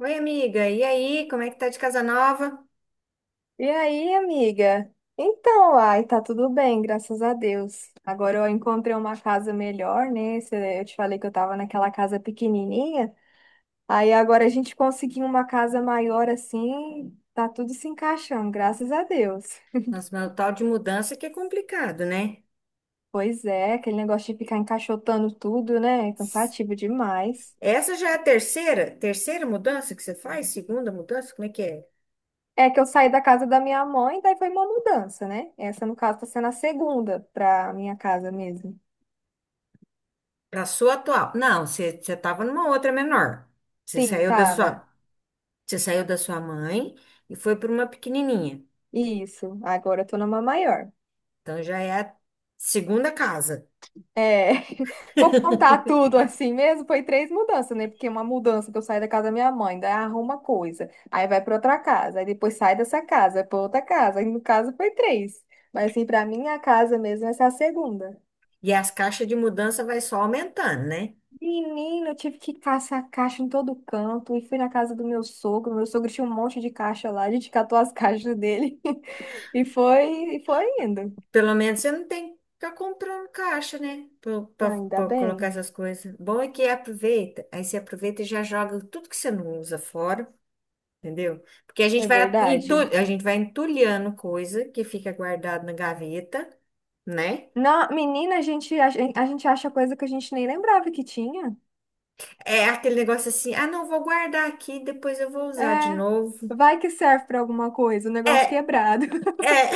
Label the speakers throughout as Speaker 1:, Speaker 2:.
Speaker 1: Oi, amiga. E aí, como é que tá de casa nova?
Speaker 2: E aí, amiga? Então, ai, tá tudo bem, graças a Deus. Agora eu encontrei uma casa melhor, né? Eu te falei que eu tava naquela casa pequenininha. Aí agora a gente conseguiu uma casa maior assim, tá tudo se encaixando, graças a Deus.
Speaker 1: Nossa, mas o tal de mudança que é complicado, né?
Speaker 2: Pois é, aquele negócio de ficar encaixotando tudo, né? É cansativo demais.
Speaker 1: Essa já é a terceira mudança que você faz? Segunda mudança? Como é que é?
Speaker 2: É que eu saí da casa da minha mãe, daí foi uma mudança, né? Essa, no caso, tá sendo a segunda pra minha casa mesmo.
Speaker 1: Pra sua atual. Não, você tava numa outra menor. Você
Speaker 2: Sim,
Speaker 1: saiu da
Speaker 2: tava.
Speaker 1: sua, Você saiu da sua mãe e foi para uma pequenininha.
Speaker 2: Isso, agora eu tô numa maior.
Speaker 1: Então já é a segunda casa.
Speaker 2: É, vou contar tudo assim mesmo, foi três mudanças, né? Porque uma mudança que eu saí da casa da minha mãe, daí arruma coisa, aí vai pra outra casa, aí depois sai dessa casa, vai pra outra casa, aí no caso foi três. Mas assim, pra minha casa mesmo, essa é a segunda.
Speaker 1: E as caixas de mudança vai só aumentando, né?
Speaker 2: Menino, eu tive que caçar caixa em todo canto, e fui na casa do meu sogro tinha um monte de caixa lá, a gente catou as caixas dele, e foi indo.
Speaker 1: Pelo menos você não tem que ficar comprando caixa, né?
Speaker 2: E ainda
Speaker 1: Para colocar
Speaker 2: bem,
Speaker 1: essas coisas. Bom é que aproveita. Aí você aproveita e já joga tudo que você não usa fora, entendeu? Porque
Speaker 2: é verdade.
Speaker 1: a gente vai entulhando coisa que fica guardada na gaveta, né?
Speaker 2: Na, menina, a gente, a gente acha coisa que a gente nem lembrava que tinha.
Speaker 1: É aquele negócio assim, ah, não, vou guardar aqui, depois eu vou usar de
Speaker 2: É,
Speaker 1: novo.
Speaker 2: vai que serve pra alguma coisa, o negócio
Speaker 1: É,
Speaker 2: quebrado.
Speaker 1: é,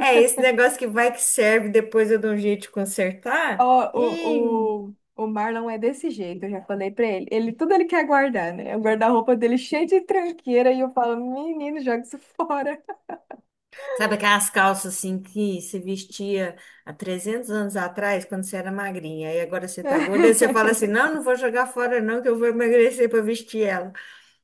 Speaker 1: é esse negócio que vai que serve, depois eu dou um jeito de consertar.
Speaker 2: Ó,
Speaker 1: E
Speaker 2: o, o, o Marlon é desse jeito, eu já falei pra ele. Ele, tudo ele quer guardar, né? O guarda-roupa dele cheio de tranqueira e eu falo, menino, joga isso fora.
Speaker 1: sabe aquelas calças assim que se vestia há 300 anos atrás, quando você era magrinha, e agora você tá gorda, e você fala assim: não, não vou jogar fora, não, que eu vou emagrecer para vestir ela.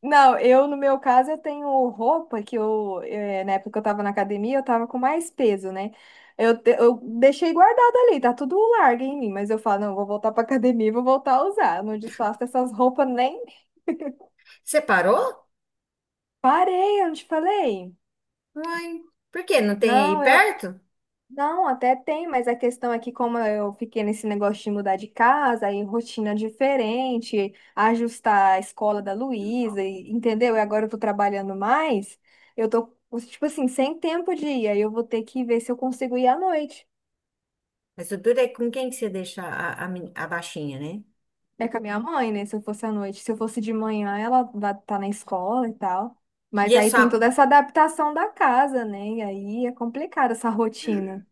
Speaker 2: Não, eu no meu caso eu tenho roupa que eu, na época que eu tava na academia, eu tava com mais peso, né? Eu deixei guardado ali, tá tudo largo em mim, mas eu falo, não, eu vou voltar pra academia e vou voltar a usar. Eu não desfaço essas roupas nem.
Speaker 1: Você parou?
Speaker 2: Parei, eu não te falei?
Speaker 1: Uai, por quê? Não tem aí
Speaker 2: Não,
Speaker 1: perto?
Speaker 2: Não, até tem, mas a questão é que como eu fiquei nesse negócio de mudar de casa, aí rotina diferente, ajustar a escola da Luísa, entendeu? E agora eu tô trabalhando mais, eu tô, tipo assim, sem tempo de ir, aí eu vou ter que ver se eu consigo ir à noite.
Speaker 1: Mas o duro é com quem que você deixa a baixinha, né?
Speaker 2: É com a minha mãe, né? Se eu fosse à noite. Se eu fosse de manhã, ela vai estar na escola e tal.
Speaker 1: E
Speaker 2: Mas
Speaker 1: é
Speaker 2: aí
Speaker 1: só.
Speaker 2: tem toda essa adaptação da casa, né? E aí é complicado essa rotina.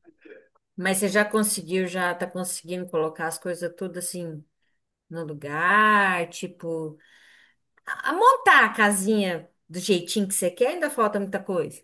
Speaker 1: Mas você já conseguiu, já tá conseguindo colocar as coisas tudo assim no lugar, tipo, a montar a casinha do jeitinho que você quer, ainda falta muita coisa.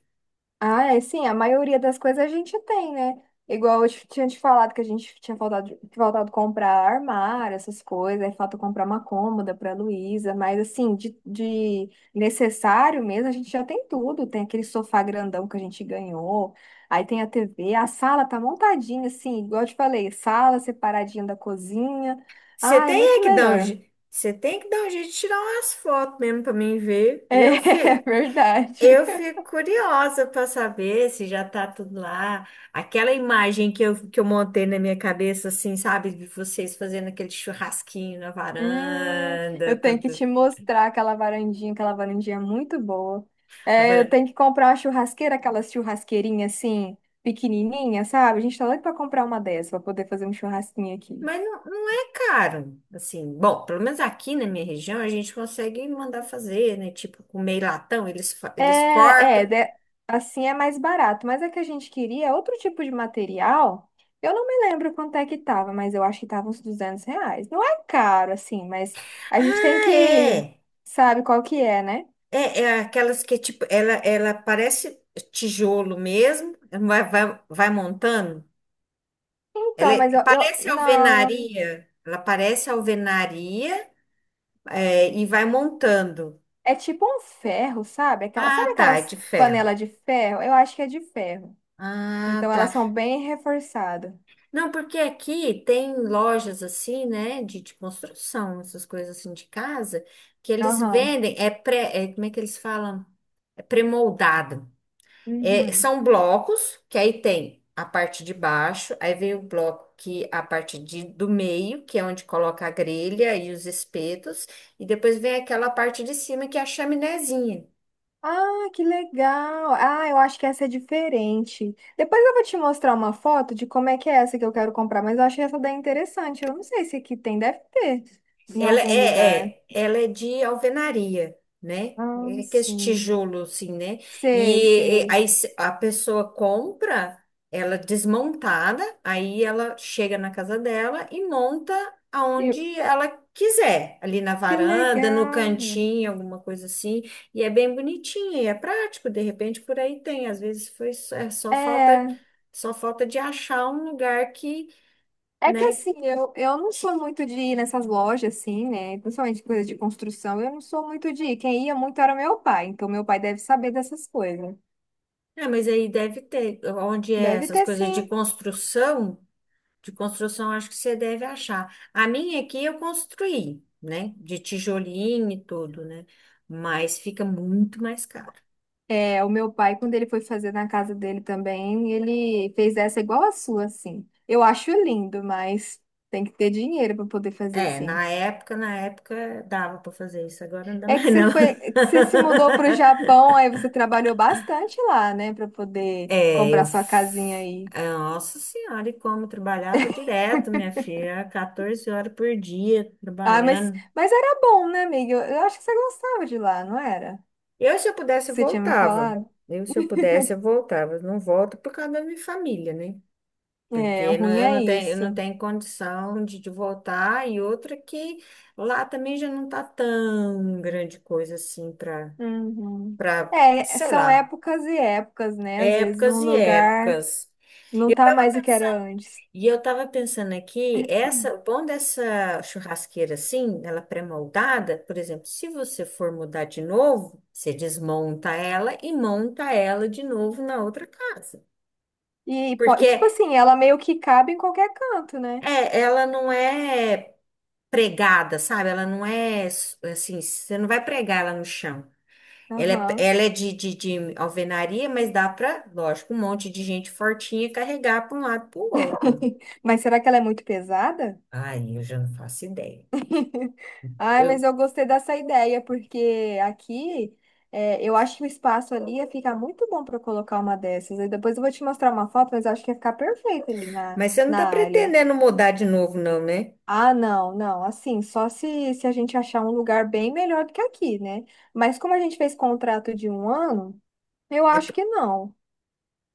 Speaker 2: Ah, é sim, a maioria das coisas a gente tem, né? Igual eu tinha te falado que a gente tinha faltado comprar armário, essas coisas, aí falta comprar uma cômoda para Luísa, mas assim, de necessário mesmo, a gente já tem tudo. Tem aquele sofá grandão que a gente ganhou, aí tem a TV, a sala tá montadinha, assim, igual eu te falei, sala separadinha da cozinha.
Speaker 1: Você
Speaker 2: Ah, é
Speaker 1: tem é
Speaker 2: muito
Speaker 1: que dar um,
Speaker 2: melhor.
Speaker 1: je- você tem que dar um jeito de tirar umas fotos mesmo pra mim ver. Eu
Speaker 2: É,
Speaker 1: fico,
Speaker 2: verdade.
Speaker 1: eu fico curiosa pra saber se já tá tudo lá. Aquela imagem que eu montei na minha cabeça, assim, sabe? De vocês fazendo aquele churrasquinho na
Speaker 2: Hum, eu
Speaker 1: varanda.
Speaker 2: tenho
Speaker 1: com
Speaker 2: que
Speaker 1: tu-
Speaker 2: te mostrar aquela varandinha é muito boa.
Speaker 1: a
Speaker 2: É, eu
Speaker 1: varanda.
Speaker 2: tenho que comprar uma churrasqueira, aquela churrasqueirinha assim, pequenininha, sabe? A gente tá doido pra comprar uma dessa, pra poder fazer um churrasquinho aqui.
Speaker 1: Mas não, não é caro, assim. Bom, pelo menos aqui na minha região a gente consegue mandar fazer, né? Tipo, com meio latão, eles, fa-
Speaker 2: É,
Speaker 1: eles
Speaker 2: é,
Speaker 1: cortam.
Speaker 2: assim é mais barato, mas é que a gente queria outro tipo de material. Eu não me lembro quanto é que tava, mas eu acho que tava uns R$ 200. Não é caro, assim, mas a gente tem
Speaker 1: Ah,
Speaker 2: que,
Speaker 1: é.
Speaker 2: sabe qual que é, né?
Speaker 1: É, aquelas que, tipo, ela parece tijolo mesmo, vai, vai, vai montando. Ela
Speaker 2: Então, mas
Speaker 1: é-
Speaker 2: eu
Speaker 1: parece
Speaker 2: não.
Speaker 1: alvenaria, ela parece alvenaria, é, e vai montando.
Speaker 2: É tipo um ferro, sabe? Aquela, sabe
Speaker 1: Ah, tá, é
Speaker 2: aquelas
Speaker 1: de ferro.
Speaker 2: panelas de ferro? Eu acho que é de ferro.
Speaker 1: Ah,
Speaker 2: Então elas
Speaker 1: tá.
Speaker 2: são bem reforçadas.
Speaker 1: Não, porque aqui tem lojas assim, né, de, construção, essas coisas assim de casa, que eles
Speaker 2: Aham.
Speaker 1: vendem, como é que eles falam? É pré-moldado. É,
Speaker 2: Uhum.
Speaker 1: são blocos, que aí tem a parte de baixo, aí vem o bloco que é a parte do meio, que é onde coloca a grelha e os espetos, e depois vem aquela parte de cima que é a chaminézinha.
Speaker 2: Ah, que legal. Ah, eu acho que essa é diferente. Depois eu vou te mostrar uma foto de como é que é essa que eu quero comprar, mas eu achei essa daí interessante. Eu não sei se aqui tem, deve ter em
Speaker 1: Ela
Speaker 2: algum lugar.
Speaker 1: é, ela é de alvenaria, né?
Speaker 2: Ah,
Speaker 1: É que esse
Speaker 2: sim.
Speaker 1: tijolo, assim, né?
Speaker 2: Sei,
Speaker 1: E,
Speaker 2: sei.
Speaker 1: aí a pessoa compra ela desmontada, aí ela chega na casa dela e monta
Speaker 2: E-
Speaker 1: aonde ela quiser, ali na
Speaker 2: Que
Speaker 1: varanda, no
Speaker 2: legal.
Speaker 1: cantinho, alguma coisa assim. E é bem bonitinha e é prático, de repente por aí tem. Às vezes foi, só- é só falta,
Speaker 2: É,
Speaker 1: de achar um lugar que,
Speaker 2: É que
Speaker 1: né?
Speaker 2: assim, eu não sou muito de ir nessas lojas, assim, né? Principalmente coisa de construção, eu não sou muito de ir. Quem ia muito era meu pai, então meu pai deve saber dessas coisas.
Speaker 1: É, mas aí deve ter, onde é
Speaker 2: Deve
Speaker 1: essas
Speaker 2: ter
Speaker 1: coisas de
Speaker 2: sim.
Speaker 1: construção, acho que você deve achar. A minha aqui eu construí, né? De tijolinho e tudo, né? Mas fica muito mais caro.
Speaker 2: É, o meu pai, quando ele foi fazer na casa dele também, ele fez essa igual a sua, assim. Eu acho lindo, mas tem que ter dinheiro para poder fazer
Speaker 1: É,
Speaker 2: assim.
Speaker 1: na época dava para fazer isso, agora não dá
Speaker 2: É que
Speaker 1: mais não.
Speaker 2: você foi, você se mudou para o Japão, aí você trabalhou bastante lá, né, para poder
Speaker 1: É,
Speaker 2: comprar sua casinha aí.
Speaker 1: Nossa Senhora, e como trabalhava direto, minha filha, 14 horas por dia
Speaker 2: Ah, mas,
Speaker 1: trabalhando.
Speaker 2: mas era bom, né, amiga? Eu acho que você gostava de lá, não era?
Speaker 1: Se eu pudesse, eu
Speaker 2: Você tinha me
Speaker 1: voltava.
Speaker 2: falado?
Speaker 1: Se eu pudesse, eu voltava. Eu não volto por causa da minha família, né?
Speaker 2: É, o
Speaker 1: Porque não-
Speaker 2: ruim
Speaker 1: eu
Speaker 2: é
Speaker 1: não tenho, eu
Speaker 2: isso.
Speaker 1: não tenho condição de voltar. E outra que lá também já não tá tão grande coisa assim para,
Speaker 2: Uhum. É,
Speaker 1: sei
Speaker 2: são
Speaker 1: lá,
Speaker 2: épocas e épocas, né? Às vezes um
Speaker 1: épocas e
Speaker 2: lugar
Speaker 1: épocas.
Speaker 2: não tá mais o que era antes.
Speaker 1: E eu tava pensando aqui, o bom dessa churrasqueira assim, ela pré-moldada, por exemplo, se você for mudar de novo, você desmonta ela e monta ela de novo na outra casa.
Speaker 2: E, tipo
Speaker 1: Porque
Speaker 2: assim, ela meio que cabe em qualquer canto, né?
Speaker 1: é, ela não é pregada, sabe? Ela não é assim, você não vai pregar ela no chão. Ela é,
Speaker 2: Aham.
Speaker 1: ela é de alvenaria, mas dá pra, lógico, um monte de gente fortinha carregar para um lado para o outro.
Speaker 2: Mas será que ela é muito pesada?
Speaker 1: Ai, eu já não faço ideia.
Speaker 2: Ai, mas
Speaker 1: Eu
Speaker 2: eu gostei dessa ideia, porque aqui é, eu acho que o espaço ali ia ficar muito bom para colocar uma dessas. Aí depois eu vou te mostrar uma foto, mas eu acho que ia ficar perfeito ali na,
Speaker 1: Mas você não
Speaker 2: na
Speaker 1: está
Speaker 2: área.
Speaker 1: pretendendo mudar de novo, não, né?
Speaker 2: Ah, não, não, assim, só se, a gente achar um lugar bem melhor do que aqui, né? Mas como a gente fez contrato de um ano, eu
Speaker 1: É
Speaker 2: acho
Speaker 1: p-
Speaker 2: que não.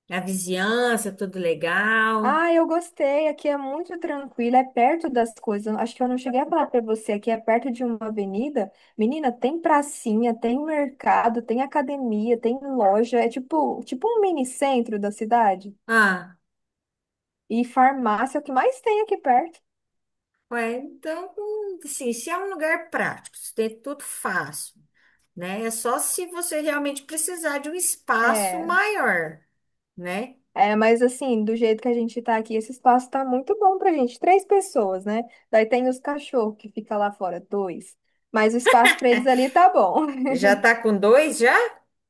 Speaker 1: A vizinhança, tudo legal.
Speaker 2: Ah, eu gostei. Aqui é muito tranquilo, é perto das coisas. Acho que eu não cheguei a falar para você. Aqui é perto de uma avenida. Menina, tem pracinha, tem mercado, tem academia, tem loja. É tipo um mini centro da cidade.
Speaker 1: Ah,
Speaker 2: E farmácia é o que mais tem aqui perto.
Speaker 1: ué, então, assim, se é um lugar prático, se tem tudo fácil, né? É só se você realmente precisar de um espaço
Speaker 2: É,
Speaker 1: maior, né?
Speaker 2: é, mas assim, do jeito que a gente tá aqui, esse espaço tá muito bom pra gente. Três pessoas, né? Daí tem os cachorros que fica lá fora, dois. Mas o espaço para eles ali tá bom.
Speaker 1: Já tá com dois já?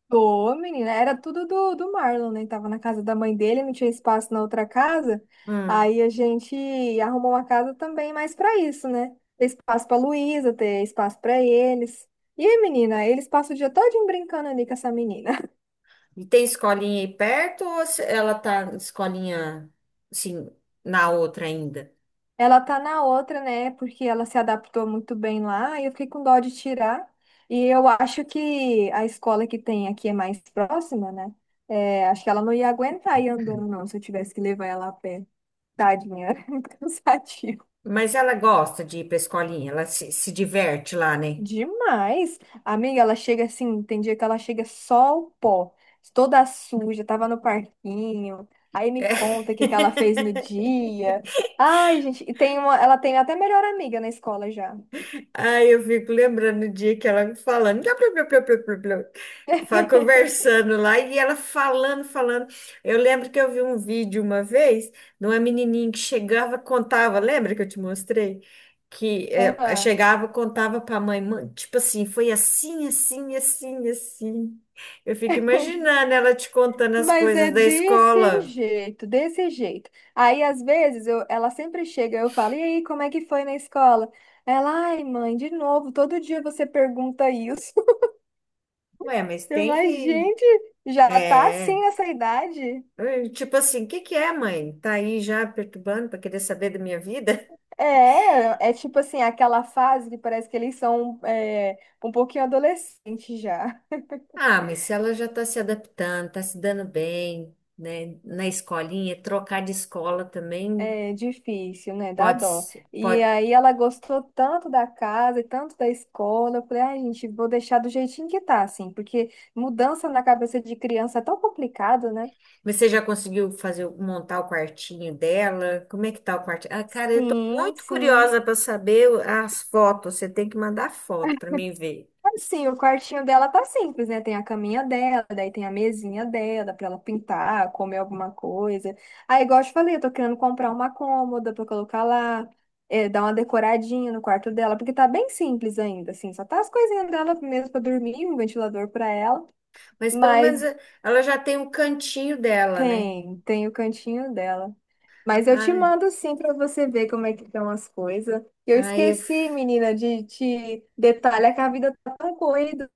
Speaker 2: Ô, menina, era tudo do Marlon, né? Tava na casa da mãe dele, não tinha espaço na outra casa.
Speaker 1: Hum.
Speaker 2: Aí a gente arrumou uma casa também mais pra isso, né? Ter espaço pra Luísa, ter espaço pra eles. E aí, menina, eles passam o dia todinho brincando ali com essa menina.
Speaker 1: E tem escolinha aí perto ou ela tá escolinha, assim, na outra ainda?
Speaker 2: Ela tá na outra, né? Porque ela se adaptou muito bem lá e eu fiquei com dó de tirar. E eu acho que a escola que tem aqui é mais próxima, né? É, acho que ela não ia aguentar ir andando, não, se eu tivesse que levar ela a pé. Tadinha, cansativo.
Speaker 1: Mas ela gosta de ir pra escolinha, ela se diverte lá, né?
Speaker 2: Demais. Amiga, ela chega assim, tem dia que ela chega só o pó, toda suja, tava no parquinho. Aí me
Speaker 1: É.
Speaker 2: conta o que que ela fez no dia. Ai, gente, e ela tem até melhor amiga na escola já.
Speaker 1: Aí eu fico lembrando o dia que ela me falando, blá, blá, blá, blá, blá, blá, blá, conversando lá e ela falando, falando. Eu lembro que eu vi um vídeo uma vez de uma menininha que chegava, contava, lembra que eu te mostrei? Que
Speaker 2: Aham.
Speaker 1: chegava, contava para a mãe, "Mãe, tipo assim, foi assim, assim, assim, assim. Eu fico imaginando ela te contando as
Speaker 2: Mas é
Speaker 1: coisas da
Speaker 2: desse
Speaker 1: escola.
Speaker 2: jeito, desse jeito. Aí, às vezes, eu, ela sempre chega, eu falo, e aí, como é que foi na escola? Ela, ai, mãe, de novo, todo dia você pergunta isso.
Speaker 1: Ué, mas tem
Speaker 2: Mas,
Speaker 1: que.
Speaker 2: gente, já tá assim
Speaker 1: É.
Speaker 2: nessa idade?
Speaker 1: Tipo assim, o que que é, mãe? Tá aí já perturbando para querer saber da minha vida?
Speaker 2: É, é tipo assim, aquela fase que parece que eles são um pouquinho adolescentes já.
Speaker 1: Ah, mas se ela já tá se adaptando, tá se dando bem, né, na escolinha, trocar de escola também
Speaker 2: É difícil, né? Dá
Speaker 1: pode,
Speaker 2: dó.
Speaker 1: se-
Speaker 2: E
Speaker 1: pode.
Speaker 2: aí ela gostou tanto da casa e tanto da escola. Eu falei, ai, gente, vou deixar do jeitinho que tá, assim, porque mudança na cabeça de criança é tão complicado, né?
Speaker 1: Mas você já conseguiu fazer montar o quartinho dela? Como é que tá o quartinho? Ah, cara, eu tô
Speaker 2: Sim,
Speaker 1: muito
Speaker 2: sim.
Speaker 1: curiosa para saber as fotos. Você tem que mandar foto para mim ver.
Speaker 2: Assim, o quartinho dela tá simples, né? Tem a caminha dela, daí tem a mesinha dela pra ela pintar, comer alguma coisa. Aí, igual eu te falei, eu tô querendo comprar uma cômoda pra colocar lá, eh, dar uma decoradinha no quarto dela, porque tá bem simples ainda, assim, só tá as coisinhas dela mesmo pra dormir, um ventilador pra ela,
Speaker 1: Mas pelo
Speaker 2: mas
Speaker 1: menos ela já tem um cantinho dela, né?
Speaker 2: tem, tem o cantinho dela. Mas eu te
Speaker 1: Ah,
Speaker 2: mando sim pra você ver como é que estão as coisas. Eu
Speaker 1: aí
Speaker 2: esqueci, menina, de te detalhar que a vida tá tão corrida.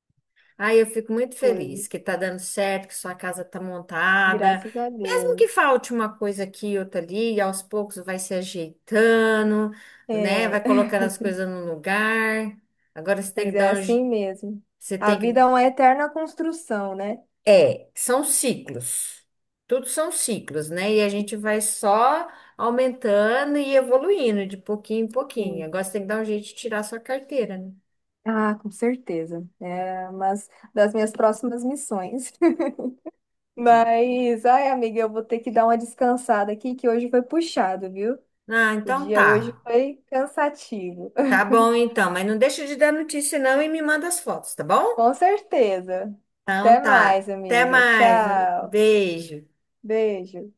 Speaker 1: Ai, eu fico muito feliz que tá dando certo, que sua casa tá montada.
Speaker 2: Graças a
Speaker 1: Mesmo que
Speaker 2: Deus.
Speaker 1: falte uma coisa aqui e outra ali, e aos poucos vai se ajeitando, né?
Speaker 2: É,
Speaker 1: Vai colocando as coisas no lugar. Agora você tem que
Speaker 2: mas é
Speaker 1: dar um.
Speaker 2: assim mesmo.
Speaker 1: Você
Speaker 2: A
Speaker 1: tem
Speaker 2: vida é
Speaker 1: que.
Speaker 2: uma eterna construção, né?
Speaker 1: É, são ciclos. Tudo são ciclos, né? E a gente vai só aumentando e evoluindo de pouquinho em pouquinho. Agora
Speaker 2: Sim.
Speaker 1: você tem que dar um jeito de tirar sua carteira, né?
Speaker 2: Ah, com certeza. É uma das minhas próximas missões. Mas, ai, amiga, eu vou ter que dar uma descansada aqui, que hoje foi puxado, viu?
Speaker 1: Ah,
Speaker 2: O
Speaker 1: então
Speaker 2: dia hoje
Speaker 1: tá.
Speaker 2: foi cansativo.
Speaker 1: Tá bom então, mas não deixa de dar notícia não e me manda as fotos, tá bom?
Speaker 2: Com certeza.
Speaker 1: Então
Speaker 2: Até mais,
Speaker 1: tá. Até
Speaker 2: amiga.
Speaker 1: mais.
Speaker 2: Tchau.
Speaker 1: Beijo.
Speaker 2: Beijo.